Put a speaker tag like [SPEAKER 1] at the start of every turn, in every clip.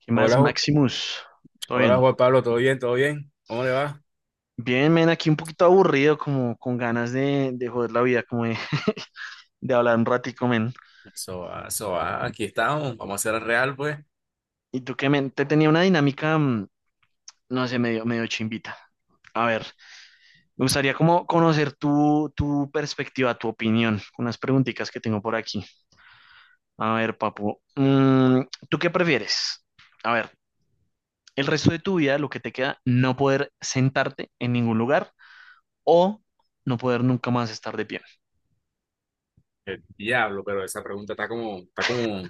[SPEAKER 1] ¿Qué más,
[SPEAKER 2] Hola,
[SPEAKER 1] Maximus? ¿Todo
[SPEAKER 2] hola
[SPEAKER 1] bien?
[SPEAKER 2] Juan Pablo, ¿todo bien? ¿Todo bien? ¿Cómo le va?
[SPEAKER 1] Bien, men, aquí un poquito aburrido, como con ganas de, joder la vida, como de hablar un ratico, men.
[SPEAKER 2] Eso va, eso va, aquí estamos, vamos a hacer el real, pues.
[SPEAKER 1] ¿Y tú qué, men? Te tenía una dinámica, no sé, medio, medio chimbita. A ver, me gustaría como conocer tu perspectiva, tu opinión, con unas preguntitas que tengo por aquí. A ver, papu, ¿tú qué prefieres? A ver, el resto de tu vida, lo que te queda, no poder sentarte en ningún lugar o no poder nunca más estar de pie.
[SPEAKER 2] El diablo, pero esa pregunta está como,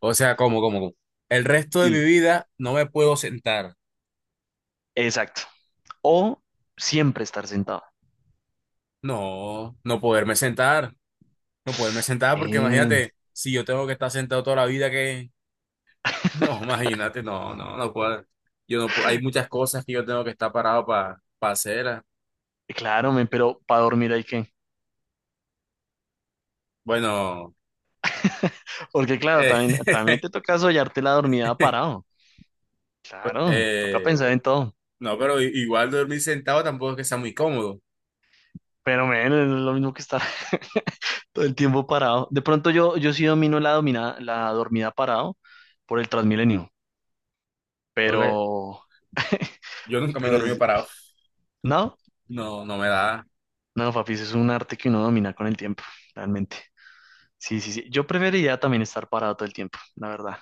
[SPEAKER 2] o sea, como. El resto de mi
[SPEAKER 1] Sí.
[SPEAKER 2] vida no me puedo sentar.
[SPEAKER 1] Exacto. O siempre estar sentado.
[SPEAKER 2] No, no poderme sentar, no poderme sentar, porque
[SPEAKER 1] Bien.
[SPEAKER 2] imagínate, si yo tengo que estar sentado toda la vida, que, no, imagínate, no, no, no puedo. Yo no, pu- hay muchas cosas que yo tengo que estar parado para hacer.
[SPEAKER 1] Claro, men, pero para dormir hay que.
[SPEAKER 2] Bueno,
[SPEAKER 1] Porque claro,
[SPEAKER 2] eh,
[SPEAKER 1] también te toca soñarte la dormida parado. Claro, toca
[SPEAKER 2] eh,
[SPEAKER 1] pensar en todo.
[SPEAKER 2] No, pero igual dormir sentado tampoco es que sea muy cómodo.
[SPEAKER 1] Pero men, es lo mismo que estar todo el tiempo parado. De pronto yo sí domino la dormida parado por el Transmilenio.
[SPEAKER 2] Porque
[SPEAKER 1] Pero,
[SPEAKER 2] yo nunca me he
[SPEAKER 1] pero
[SPEAKER 2] dormido
[SPEAKER 1] es-
[SPEAKER 2] parado.
[SPEAKER 1] no,
[SPEAKER 2] No, no me da.
[SPEAKER 1] no, papi, eso es un arte que uno domina con el tiempo, realmente. Sí, sí, sí. Yo preferiría también estar parado todo el tiempo, la verdad.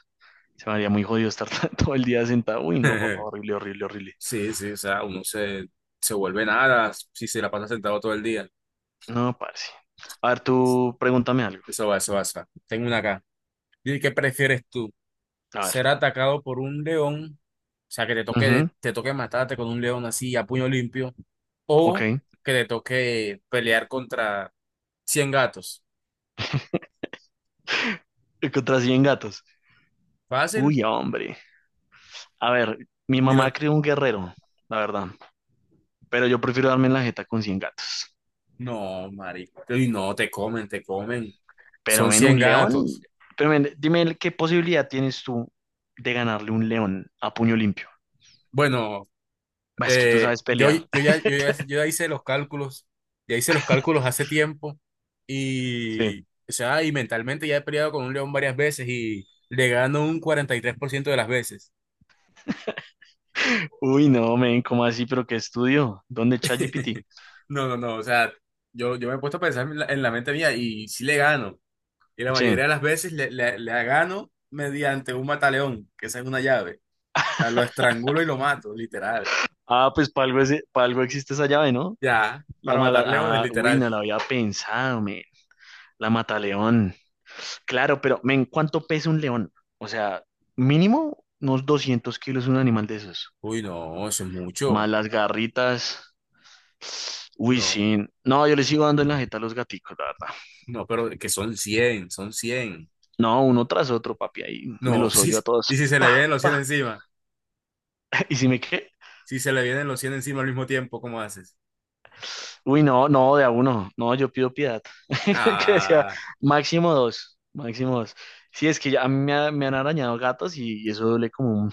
[SPEAKER 1] Se me haría muy jodido estar todo el día sentado. Uy, no, papá, horrible, horrible, horrible.
[SPEAKER 2] Sí, sí, o sea, uno se, se vuelve nada si se la pasa sentado todo el día.
[SPEAKER 1] No, parce. A ver, tú pregúntame algo.
[SPEAKER 2] Eso va, eso va, eso va. Tengo una acá. ¿Y qué prefieres tú?
[SPEAKER 1] A ver.
[SPEAKER 2] ¿Ser atacado por un león? O sea, que
[SPEAKER 1] Ujú.
[SPEAKER 2] te toque matarte con un león así a puño limpio.
[SPEAKER 1] Ok.
[SPEAKER 2] O que te toque pelear contra 100 gatos.
[SPEAKER 1] Contra 100 gatos.
[SPEAKER 2] Fácil,
[SPEAKER 1] Uy, hombre. A ver, mi
[SPEAKER 2] ni
[SPEAKER 1] mamá
[SPEAKER 2] lo,
[SPEAKER 1] crió un guerrero, la verdad. Pero yo prefiero darme en la jeta con 100 gatos.
[SPEAKER 2] No, marico. Y no, te comen, te comen.
[SPEAKER 1] Pero
[SPEAKER 2] Son
[SPEAKER 1] ven,
[SPEAKER 2] 100
[SPEAKER 1] un león.
[SPEAKER 2] gatos.
[SPEAKER 1] Pero ven, qué posibilidad tienes tú de ganarle un león a puño limpio.
[SPEAKER 2] Bueno,
[SPEAKER 1] Bah, es que tú sabes
[SPEAKER 2] yo,
[SPEAKER 1] pelear.
[SPEAKER 2] yo ya, yo ya, yo ya hice los cálculos. Ya hice los cálculos hace tiempo.
[SPEAKER 1] Sí.
[SPEAKER 2] Y, o sea, y mentalmente ya he peleado con un león varias veces y le gano un 43% de las veces.
[SPEAKER 1] Uy, no, men, ¿cómo así? ¿Pero qué estudio? ¿Dónde ChatGPT?
[SPEAKER 2] No, no, no. O sea, yo me he puesto a pensar en la mente mía y sí le gano. Y la
[SPEAKER 1] Sí.
[SPEAKER 2] mayoría de las veces le gano mediante un mataleón, que esa es una llave. O sea, lo estrangulo y lo mato, literal.
[SPEAKER 1] Ah, pues para algo, pa' algo existe esa llave, ¿no?
[SPEAKER 2] Ya,
[SPEAKER 1] La
[SPEAKER 2] para matar
[SPEAKER 1] mala.
[SPEAKER 2] leones,
[SPEAKER 1] Ah, uy,
[SPEAKER 2] literal.
[SPEAKER 1] no la había pensado, men. La mataleón. Claro, pero, men, ¿cuánto pesa un león? O sea, mínimo unos 200 kilos un animal de esos.
[SPEAKER 2] Uy, no, eso es
[SPEAKER 1] Más
[SPEAKER 2] mucho.
[SPEAKER 1] las garritas. Uy,
[SPEAKER 2] No,
[SPEAKER 1] sí. No, yo les sigo dando en la jeta a los gaticos, la verdad.
[SPEAKER 2] no, pero que son 100 son cien.
[SPEAKER 1] No, uno tras otro, papi. Ahí me
[SPEAKER 2] No,
[SPEAKER 1] los
[SPEAKER 2] sí,
[SPEAKER 1] yo a todos.
[SPEAKER 2] y si se le
[SPEAKER 1] Pa,
[SPEAKER 2] vienen los 100
[SPEAKER 1] pa.
[SPEAKER 2] encima,
[SPEAKER 1] ¿Y si me qué?
[SPEAKER 2] si se le vienen los cien encima al mismo tiempo, ¿cómo haces?
[SPEAKER 1] Uy, no, no, de a uno. No, yo pido piedad. Que decía,
[SPEAKER 2] Ah,
[SPEAKER 1] máximo dos, máximo dos. Sí, es que ya a mí me han arañado gatos y eso duele como un...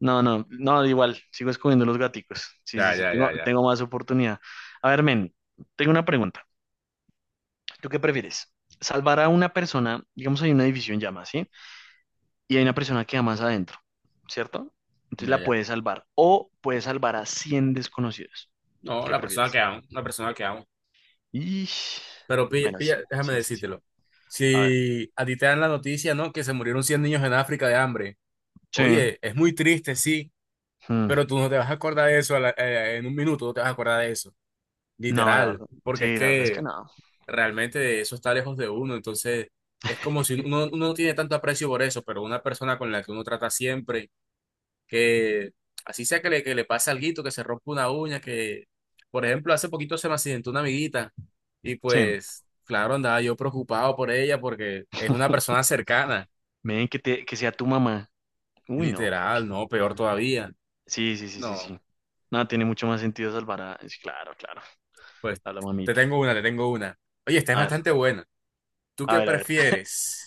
[SPEAKER 1] No, no, no, igual, sigo escogiendo los gaticos. Sí, sí,
[SPEAKER 2] ya,
[SPEAKER 1] sí,
[SPEAKER 2] ya,
[SPEAKER 1] tengo,
[SPEAKER 2] ya, ya,
[SPEAKER 1] tengo más oportunidad. A ver, men, tengo una pregunta. ¿Tú qué prefieres? Salvar a una persona, digamos, hay un edificio en llamas, ¿sí? Y hay una persona que más adentro, ¿cierto? Entonces
[SPEAKER 2] ya,
[SPEAKER 1] la
[SPEAKER 2] ya.
[SPEAKER 1] puedes salvar. O puedes salvar a 100 desconocidos.
[SPEAKER 2] No,
[SPEAKER 1] ¿Qué
[SPEAKER 2] la persona que
[SPEAKER 1] prefieres?
[SPEAKER 2] amo, la persona que amo.
[SPEAKER 1] Y...
[SPEAKER 2] Pero pilla,
[SPEAKER 1] Bueno,
[SPEAKER 2] pilla,
[SPEAKER 1] sí,
[SPEAKER 2] déjame
[SPEAKER 1] sí, sí, sí.
[SPEAKER 2] decírtelo.
[SPEAKER 1] A ver.
[SPEAKER 2] Si a ti te dan la noticia, ¿no? Que se murieron 100 niños en África de hambre.
[SPEAKER 1] Sí.
[SPEAKER 2] Oye, es muy triste, sí,
[SPEAKER 1] mm,
[SPEAKER 2] pero tú no te vas a acordar de eso en un minuto, no te vas a acordar de eso.
[SPEAKER 1] No, la
[SPEAKER 2] Literal,
[SPEAKER 1] verdad.
[SPEAKER 2] porque es
[SPEAKER 1] Sí, la verdad es que
[SPEAKER 2] que
[SPEAKER 1] no.
[SPEAKER 2] realmente eso está lejos de uno, entonces es como si uno no tiene tanto aprecio por eso, pero una persona con la que uno trata siempre, que así sea que le pase alguito, que se rompa una uña, que por ejemplo hace poquito se me accidentó una amiguita y
[SPEAKER 1] Sí.
[SPEAKER 2] pues claro, andaba yo preocupado por ella porque es una persona cercana,
[SPEAKER 1] Men, que sea tu mamá. Uy, no, papi.
[SPEAKER 2] literal, no, peor todavía.
[SPEAKER 1] Sí, sí, sí, sí,
[SPEAKER 2] No,
[SPEAKER 1] sí. No, tiene mucho más sentido salvar a... sí. Claro, claro.
[SPEAKER 2] pues
[SPEAKER 1] A la
[SPEAKER 2] te
[SPEAKER 1] mamita.
[SPEAKER 2] tengo una, te tengo una. Oye, esta es
[SPEAKER 1] A ver,
[SPEAKER 2] bastante buena. ¿Tú
[SPEAKER 1] a
[SPEAKER 2] qué
[SPEAKER 1] ver, a ver.
[SPEAKER 2] prefieres?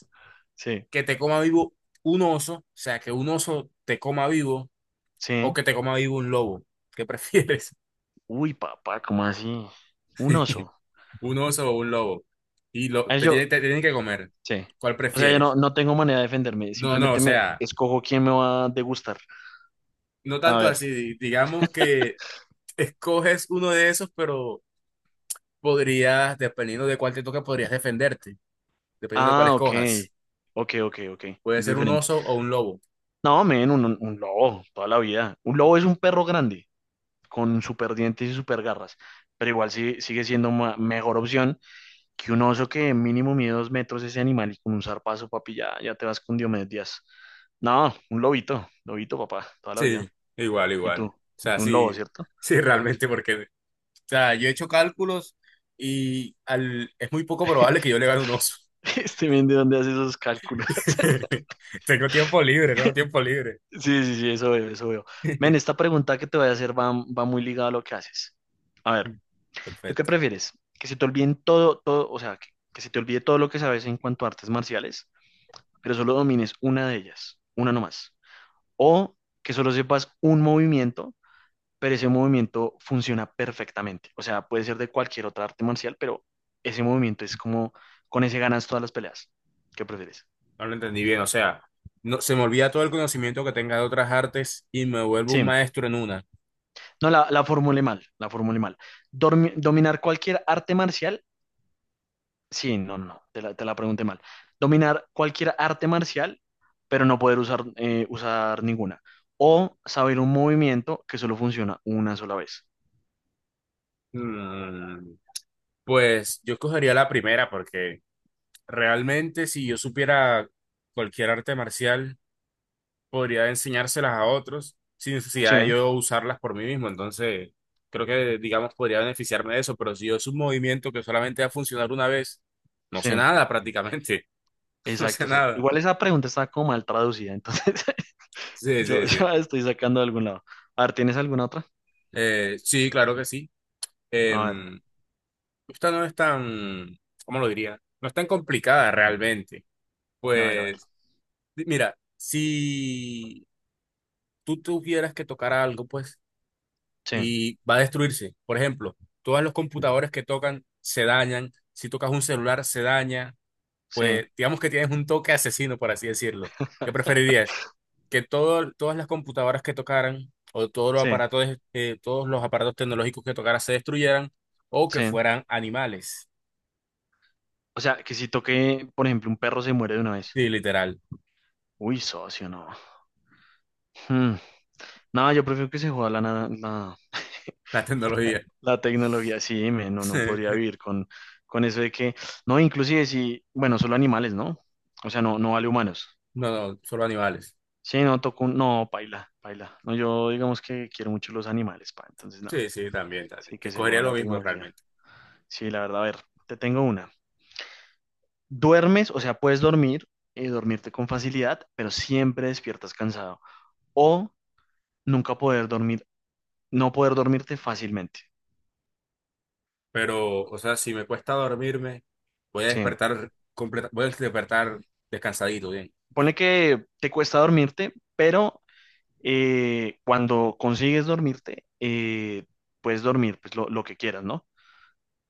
[SPEAKER 1] Sí,
[SPEAKER 2] Que te coma vivo un oso, o sea, que un oso te coma vivo o
[SPEAKER 1] sí.
[SPEAKER 2] que te coma vivo un lobo. ¿Qué prefieres?
[SPEAKER 1] Uy, papá, ¿cómo así? Un oso.
[SPEAKER 2] ¿Un oso o un lobo? Y
[SPEAKER 1] A ver, yo,
[SPEAKER 2] te tienen que comer.
[SPEAKER 1] sí.
[SPEAKER 2] ¿Cuál
[SPEAKER 1] O sea, yo no,
[SPEAKER 2] prefieres?
[SPEAKER 1] no tengo manera de defenderme.
[SPEAKER 2] No, no, o
[SPEAKER 1] Simplemente me
[SPEAKER 2] sea,
[SPEAKER 1] escojo quién me va a degustar.
[SPEAKER 2] no
[SPEAKER 1] A
[SPEAKER 2] tanto
[SPEAKER 1] ver.
[SPEAKER 2] así. Digamos que escoges uno de esos, pero podrías, dependiendo de cuál te toque, podrías defenderte, dependiendo de cuál
[SPEAKER 1] Ah, ok.
[SPEAKER 2] escojas.
[SPEAKER 1] Ok, ok, ok.
[SPEAKER 2] Puede
[SPEAKER 1] Es
[SPEAKER 2] ser un
[SPEAKER 1] diferente.
[SPEAKER 2] oso o un lobo.
[SPEAKER 1] No, men, un lobo, toda la vida. Un lobo es un perro grande, con super dientes y super garras, pero igual sigue siendo mejor opción que un oso que mínimo mide 2 metros ese animal y con un zarpazo, papi, ya, ya te vas con Diomedes Díaz. No, un lobito, lobito, papá, toda la vida.
[SPEAKER 2] Sí, igual,
[SPEAKER 1] ¿Y
[SPEAKER 2] igual.
[SPEAKER 1] tú?
[SPEAKER 2] O sea,
[SPEAKER 1] Un lobo,
[SPEAKER 2] sí,
[SPEAKER 1] ¿cierto?
[SPEAKER 2] sí, realmente, porque sea, yo he hecho cálculos y es muy poco probable que yo le gane un oso.
[SPEAKER 1] Este men, ¿de dónde hace esos cálculos?
[SPEAKER 2] Tengo tiempo libre, tengo tiempo libre.
[SPEAKER 1] Sí, sí, sí, eso veo, eso veo. Men, esta pregunta que te voy a hacer va muy ligada a lo que haces. A ver, ¿tú qué
[SPEAKER 2] Perfecto.
[SPEAKER 1] prefieres? Que se te olviden todo, todo, o sea, que se te olvide todo lo que sabes en cuanto a artes marciales, pero solo domines una de ellas, una nomás. O que solo sepas un movimiento, pero ese movimiento funciona perfectamente. O sea, puede ser de cualquier otra arte marcial, pero ese movimiento es como, con ese ganas todas las peleas. ¿Qué prefieres?
[SPEAKER 2] No lo entendí bien. O sea, no, se me olvida todo el conocimiento que tenga de otras artes y me vuelvo un
[SPEAKER 1] Sí,
[SPEAKER 2] maestro en una.
[SPEAKER 1] no, la formulé mal, la formulé mal. Dominar cualquier arte marcial. Sí, no, no, no, te la pregunté mal. Dominar cualquier arte marcial, pero no poder usar ninguna. O saber un movimiento que solo funciona una sola vez.
[SPEAKER 2] Mm, pues yo escogería la primera porque realmente si yo supiera cualquier arte marcial... podría enseñárselas a otros sin necesidad de
[SPEAKER 1] Sí,
[SPEAKER 2] yo usarlas por mí mismo. Entonces, creo que, digamos, podría beneficiarme de eso, pero si yo es un movimiento que solamente va a funcionar una vez, no sé
[SPEAKER 1] sí,
[SPEAKER 2] nada prácticamente, no
[SPEAKER 1] exacto,
[SPEAKER 2] sé
[SPEAKER 1] exacto.
[SPEAKER 2] nada.
[SPEAKER 1] Igual esa pregunta está como mal traducida, entonces
[SPEAKER 2] Sí,
[SPEAKER 1] yo
[SPEAKER 2] sí,
[SPEAKER 1] ya
[SPEAKER 2] sí.
[SPEAKER 1] la estoy sacando de algún lado. A ver, ¿tienes alguna otra?
[SPEAKER 2] Sí, claro que sí.
[SPEAKER 1] A ver,
[SPEAKER 2] Em, esta no es tan, ¿cómo lo diría? No es tan complicada realmente.
[SPEAKER 1] a ver, a ver.
[SPEAKER 2] Pues, mira, si tú tuvieras que tocar algo, pues
[SPEAKER 1] Sí,
[SPEAKER 2] y va a destruirse. Por ejemplo, todos los computadores que tocan se dañan, si tocas un celular se daña,
[SPEAKER 1] sí,
[SPEAKER 2] pues digamos que tienes un toque asesino, por así decirlo. ¿Qué preferirías? ¿Que todas las computadoras que tocaran o todos
[SPEAKER 1] sí,
[SPEAKER 2] los aparatos tecnológicos que tocaran se destruyeran o que
[SPEAKER 1] sí.
[SPEAKER 2] fueran animales?
[SPEAKER 1] O sea, que si toque, por ejemplo, un perro se muere de una vez.
[SPEAKER 2] Sí, literal,
[SPEAKER 1] Uy, socio, no. Hmm. No, yo prefiero que se juegue
[SPEAKER 2] la tecnología.
[SPEAKER 1] la tecnología, sí, me, no, no podría vivir con eso de que, no, inclusive si, bueno, solo animales, ¿no? O sea, no, no vale humanos.
[SPEAKER 2] No, no, solo animales.
[SPEAKER 1] Sí, no, toco, no, paila, paila. No, yo digamos que quiero mucho los animales, pa, entonces no,
[SPEAKER 2] Sí, sí, también, también.
[SPEAKER 1] sí
[SPEAKER 2] Te
[SPEAKER 1] que se
[SPEAKER 2] escogería
[SPEAKER 1] juega
[SPEAKER 2] lo
[SPEAKER 1] la
[SPEAKER 2] mismo
[SPEAKER 1] tecnología.
[SPEAKER 2] realmente.
[SPEAKER 1] Sí, la verdad, a ver, te tengo una. Duermes, o sea, puedes dormir y dormirte con facilidad, pero siempre despiertas cansado. O nunca poder dormir, no poder dormirte fácilmente.
[SPEAKER 2] Pero, o sea, si me cuesta dormirme, voy a
[SPEAKER 1] Sí.
[SPEAKER 2] despertar completa, voy a despertar descansadito, bien.
[SPEAKER 1] Pone que te cuesta dormirte, pero cuando consigues dormirte, puedes dormir pues, lo que quieras, ¿no?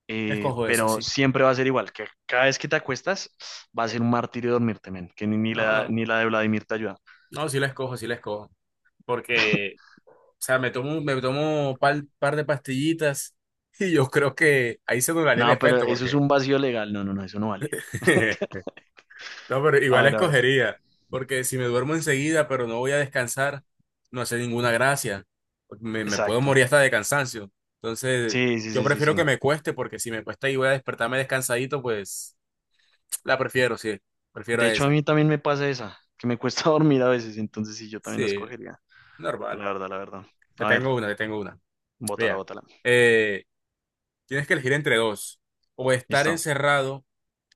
[SPEAKER 1] Eh,
[SPEAKER 2] Escojo esa,
[SPEAKER 1] pero
[SPEAKER 2] sí.
[SPEAKER 1] siempre va a ser igual, que cada vez que te acuestas va a ser un martirio dormirte, men, que ni, ni
[SPEAKER 2] No,
[SPEAKER 1] la,
[SPEAKER 2] no,
[SPEAKER 1] ni la de Vladimir te ayuda.
[SPEAKER 2] no, sí la escojo, sí la escojo. Porque, o sea, me tomo un par de pastillitas y yo creo que ahí se anularía el
[SPEAKER 1] No, pero
[SPEAKER 2] efecto,
[SPEAKER 1] eso es
[SPEAKER 2] porque
[SPEAKER 1] un vacío legal. No, no, no, eso no vale.
[SPEAKER 2] no, pero
[SPEAKER 1] A
[SPEAKER 2] igual
[SPEAKER 1] ver, a ver.
[SPEAKER 2] escogería, porque si me duermo enseguida, pero no voy a descansar, no hace ninguna gracia. Me puedo
[SPEAKER 1] Exacto.
[SPEAKER 2] morir hasta de cansancio. Entonces,
[SPEAKER 1] Sí, sí,
[SPEAKER 2] yo
[SPEAKER 1] sí, sí,
[SPEAKER 2] prefiero que
[SPEAKER 1] sí.
[SPEAKER 2] me cueste, porque si me cuesta y voy a despertarme descansadito, pues la prefiero, sí. Prefiero
[SPEAKER 1] De hecho, a
[SPEAKER 2] esa.
[SPEAKER 1] mí también me pasa esa, que me cuesta dormir a veces, entonces sí, yo también la
[SPEAKER 2] Sí,
[SPEAKER 1] escogería.
[SPEAKER 2] normal.
[SPEAKER 1] La verdad, la verdad.
[SPEAKER 2] Te
[SPEAKER 1] A ver,
[SPEAKER 2] tengo una, te tengo una.
[SPEAKER 1] bótala,
[SPEAKER 2] Vea,
[SPEAKER 1] bótala.
[SPEAKER 2] eh, tienes que elegir entre dos. O estar
[SPEAKER 1] Listo.
[SPEAKER 2] encerrado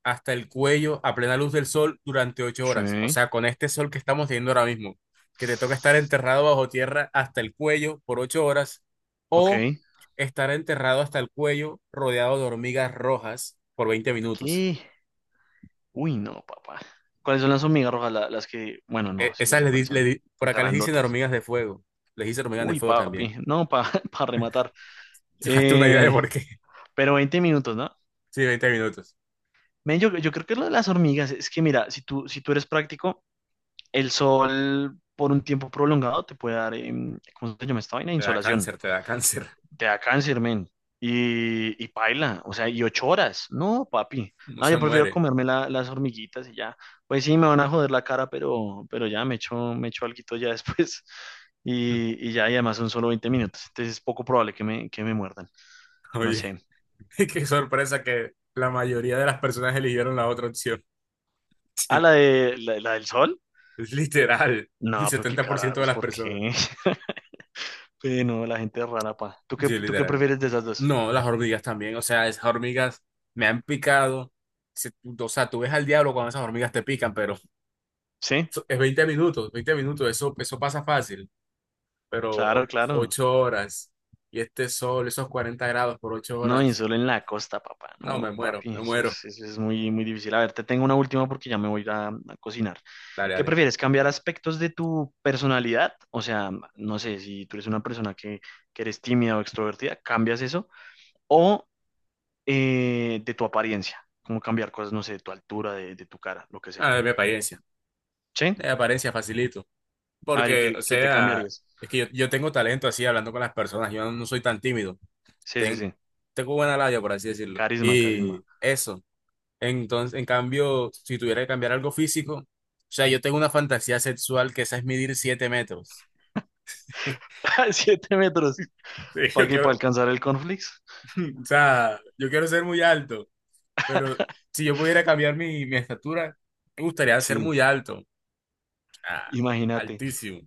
[SPEAKER 2] hasta el cuello a plena luz del sol durante 8 horas. O
[SPEAKER 1] Sí.
[SPEAKER 2] sea, con este sol que estamos teniendo ahora mismo, que te toca estar enterrado bajo tierra hasta el cuello por 8 horas o
[SPEAKER 1] Ok.
[SPEAKER 2] estar enterrado hasta el cuello rodeado de hormigas rojas por 20 minutos.
[SPEAKER 1] ¿Qué? Uy, no, papá. ¿Cuáles son las hormigas rojas? Las que. Bueno, no,
[SPEAKER 2] E-
[SPEAKER 1] sí, ya
[SPEAKER 2] esas
[SPEAKER 1] sé cuáles
[SPEAKER 2] le
[SPEAKER 1] son.
[SPEAKER 2] di- por
[SPEAKER 1] Las
[SPEAKER 2] acá les dicen
[SPEAKER 1] Grandotas.
[SPEAKER 2] hormigas de fuego. Les dicen hormigas de
[SPEAKER 1] Uy,
[SPEAKER 2] fuego también.
[SPEAKER 1] papi. No, para pa rematar.
[SPEAKER 2] Hazte una idea de
[SPEAKER 1] Eh,
[SPEAKER 2] por qué.
[SPEAKER 1] pero 20 minutos, ¿no?
[SPEAKER 2] Sí, 20 minutos.
[SPEAKER 1] Men, yo creo que lo de las hormigas es que, mira, si tú eres práctico, el sol por un tiempo prolongado te puede dar. ¿Cómo se llama esta vaina?
[SPEAKER 2] Te da
[SPEAKER 1] Insolación.
[SPEAKER 2] cáncer, te da cáncer.
[SPEAKER 1] Te da cáncer, men. Y paila, o sea, y 8 horas. No, papi.
[SPEAKER 2] No
[SPEAKER 1] No, yo
[SPEAKER 2] se
[SPEAKER 1] prefiero
[SPEAKER 2] muere.
[SPEAKER 1] comerme las hormiguitas y ya. Pues sí, me van a joder la cara, pero ya me echo alguito ya después. Y ya, y además son solo 20 minutos. Entonces es poco probable que me muerdan. No
[SPEAKER 2] Oye,
[SPEAKER 1] sé.
[SPEAKER 2] qué sorpresa que la mayoría de las personas eligieron la otra opción.
[SPEAKER 1] ¿Ah, la de la del sol?
[SPEAKER 2] Literal, el
[SPEAKER 1] No, pero qué
[SPEAKER 2] 70% de
[SPEAKER 1] carajos,
[SPEAKER 2] las
[SPEAKER 1] ¿por
[SPEAKER 2] personas.
[SPEAKER 1] qué? Pero no, la gente es rara, pa. ¿Tú qué,
[SPEAKER 2] Sí,
[SPEAKER 1] tú qué
[SPEAKER 2] literal.
[SPEAKER 1] prefieres de esas dos?
[SPEAKER 2] No, las hormigas también, o sea, esas hormigas me han picado. Se- O sea, tú ves al diablo cuando esas hormigas te pican, pero
[SPEAKER 1] Sí,
[SPEAKER 2] es 20 minutos, 20 minutos, eso, eso pasa fácil, pero
[SPEAKER 1] claro, claro.
[SPEAKER 2] 8 horas y este sol, esos 40 grados por ocho
[SPEAKER 1] No, y
[SPEAKER 2] horas,
[SPEAKER 1] solo en la costa, papá.
[SPEAKER 2] no, me
[SPEAKER 1] No,
[SPEAKER 2] muero,
[SPEAKER 1] papi,
[SPEAKER 2] me
[SPEAKER 1] eso
[SPEAKER 2] muero.
[SPEAKER 1] es, eso es muy, muy difícil. A ver, te tengo una última porque ya me voy a ir a cocinar.
[SPEAKER 2] Dale,
[SPEAKER 1] ¿Qué
[SPEAKER 2] dale.
[SPEAKER 1] prefieres? ¿Cambiar aspectos de tu personalidad? O sea, no sé, si tú eres una persona que eres tímida o extrovertida, cambias eso. O de tu apariencia, como cambiar cosas, no sé, de tu altura, de tu cara, lo que sea.
[SPEAKER 2] Ah,
[SPEAKER 1] ¿Sí?
[SPEAKER 2] de mi apariencia facilito,
[SPEAKER 1] A ver, ¿y
[SPEAKER 2] porque,
[SPEAKER 1] qué,
[SPEAKER 2] o
[SPEAKER 1] qué te
[SPEAKER 2] sea,
[SPEAKER 1] cambiarías?
[SPEAKER 2] es que yo tengo talento así hablando con las personas, yo no soy tan tímido.
[SPEAKER 1] Sí, sí,
[SPEAKER 2] ten-
[SPEAKER 1] sí.
[SPEAKER 2] tengo buena labia, por así decirlo.
[SPEAKER 1] Carisma, carisma.
[SPEAKER 2] Y eso. Entonces, en cambio, si tuviera que cambiar algo físico, o sea, yo tengo una fantasía sexual que esa es medir 7 metros.
[SPEAKER 1] 7 metros.
[SPEAKER 2] Sí,
[SPEAKER 1] ¿Para qué? ¿Para alcanzar el conflicto?
[SPEAKER 2] O sea, yo quiero ser muy alto, pero si yo pudiera cambiar mi estatura, me gustaría ser
[SPEAKER 1] Sí,
[SPEAKER 2] muy alto. O sea,
[SPEAKER 1] imagínate.
[SPEAKER 2] altísimo.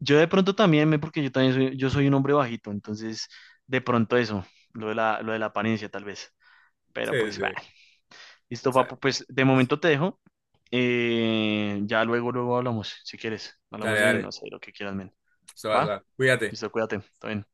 [SPEAKER 1] Yo de pronto también porque yo también soy, yo soy un hombre bajito, entonces de pronto eso, lo de la apariencia tal vez.
[SPEAKER 2] Sí,
[SPEAKER 1] Pero
[SPEAKER 2] sí.
[SPEAKER 1] pues, va.
[SPEAKER 2] O
[SPEAKER 1] Listo,
[SPEAKER 2] sea,
[SPEAKER 1] papu, pues de momento te dejo. Ya luego hablamos, si quieres. Hablamos
[SPEAKER 2] dale,
[SPEAKER 1] de,
[SPEAKER 2] dale.
[SPEAKER 1] no sé, lo que quieras, men.
[SPEAKER 2] Se
[SPEAKER 1] ¿Va?
[SPEAKER 2] va, cuídate.
[SPEAKER 1] Listo, cuídate. Todo bien.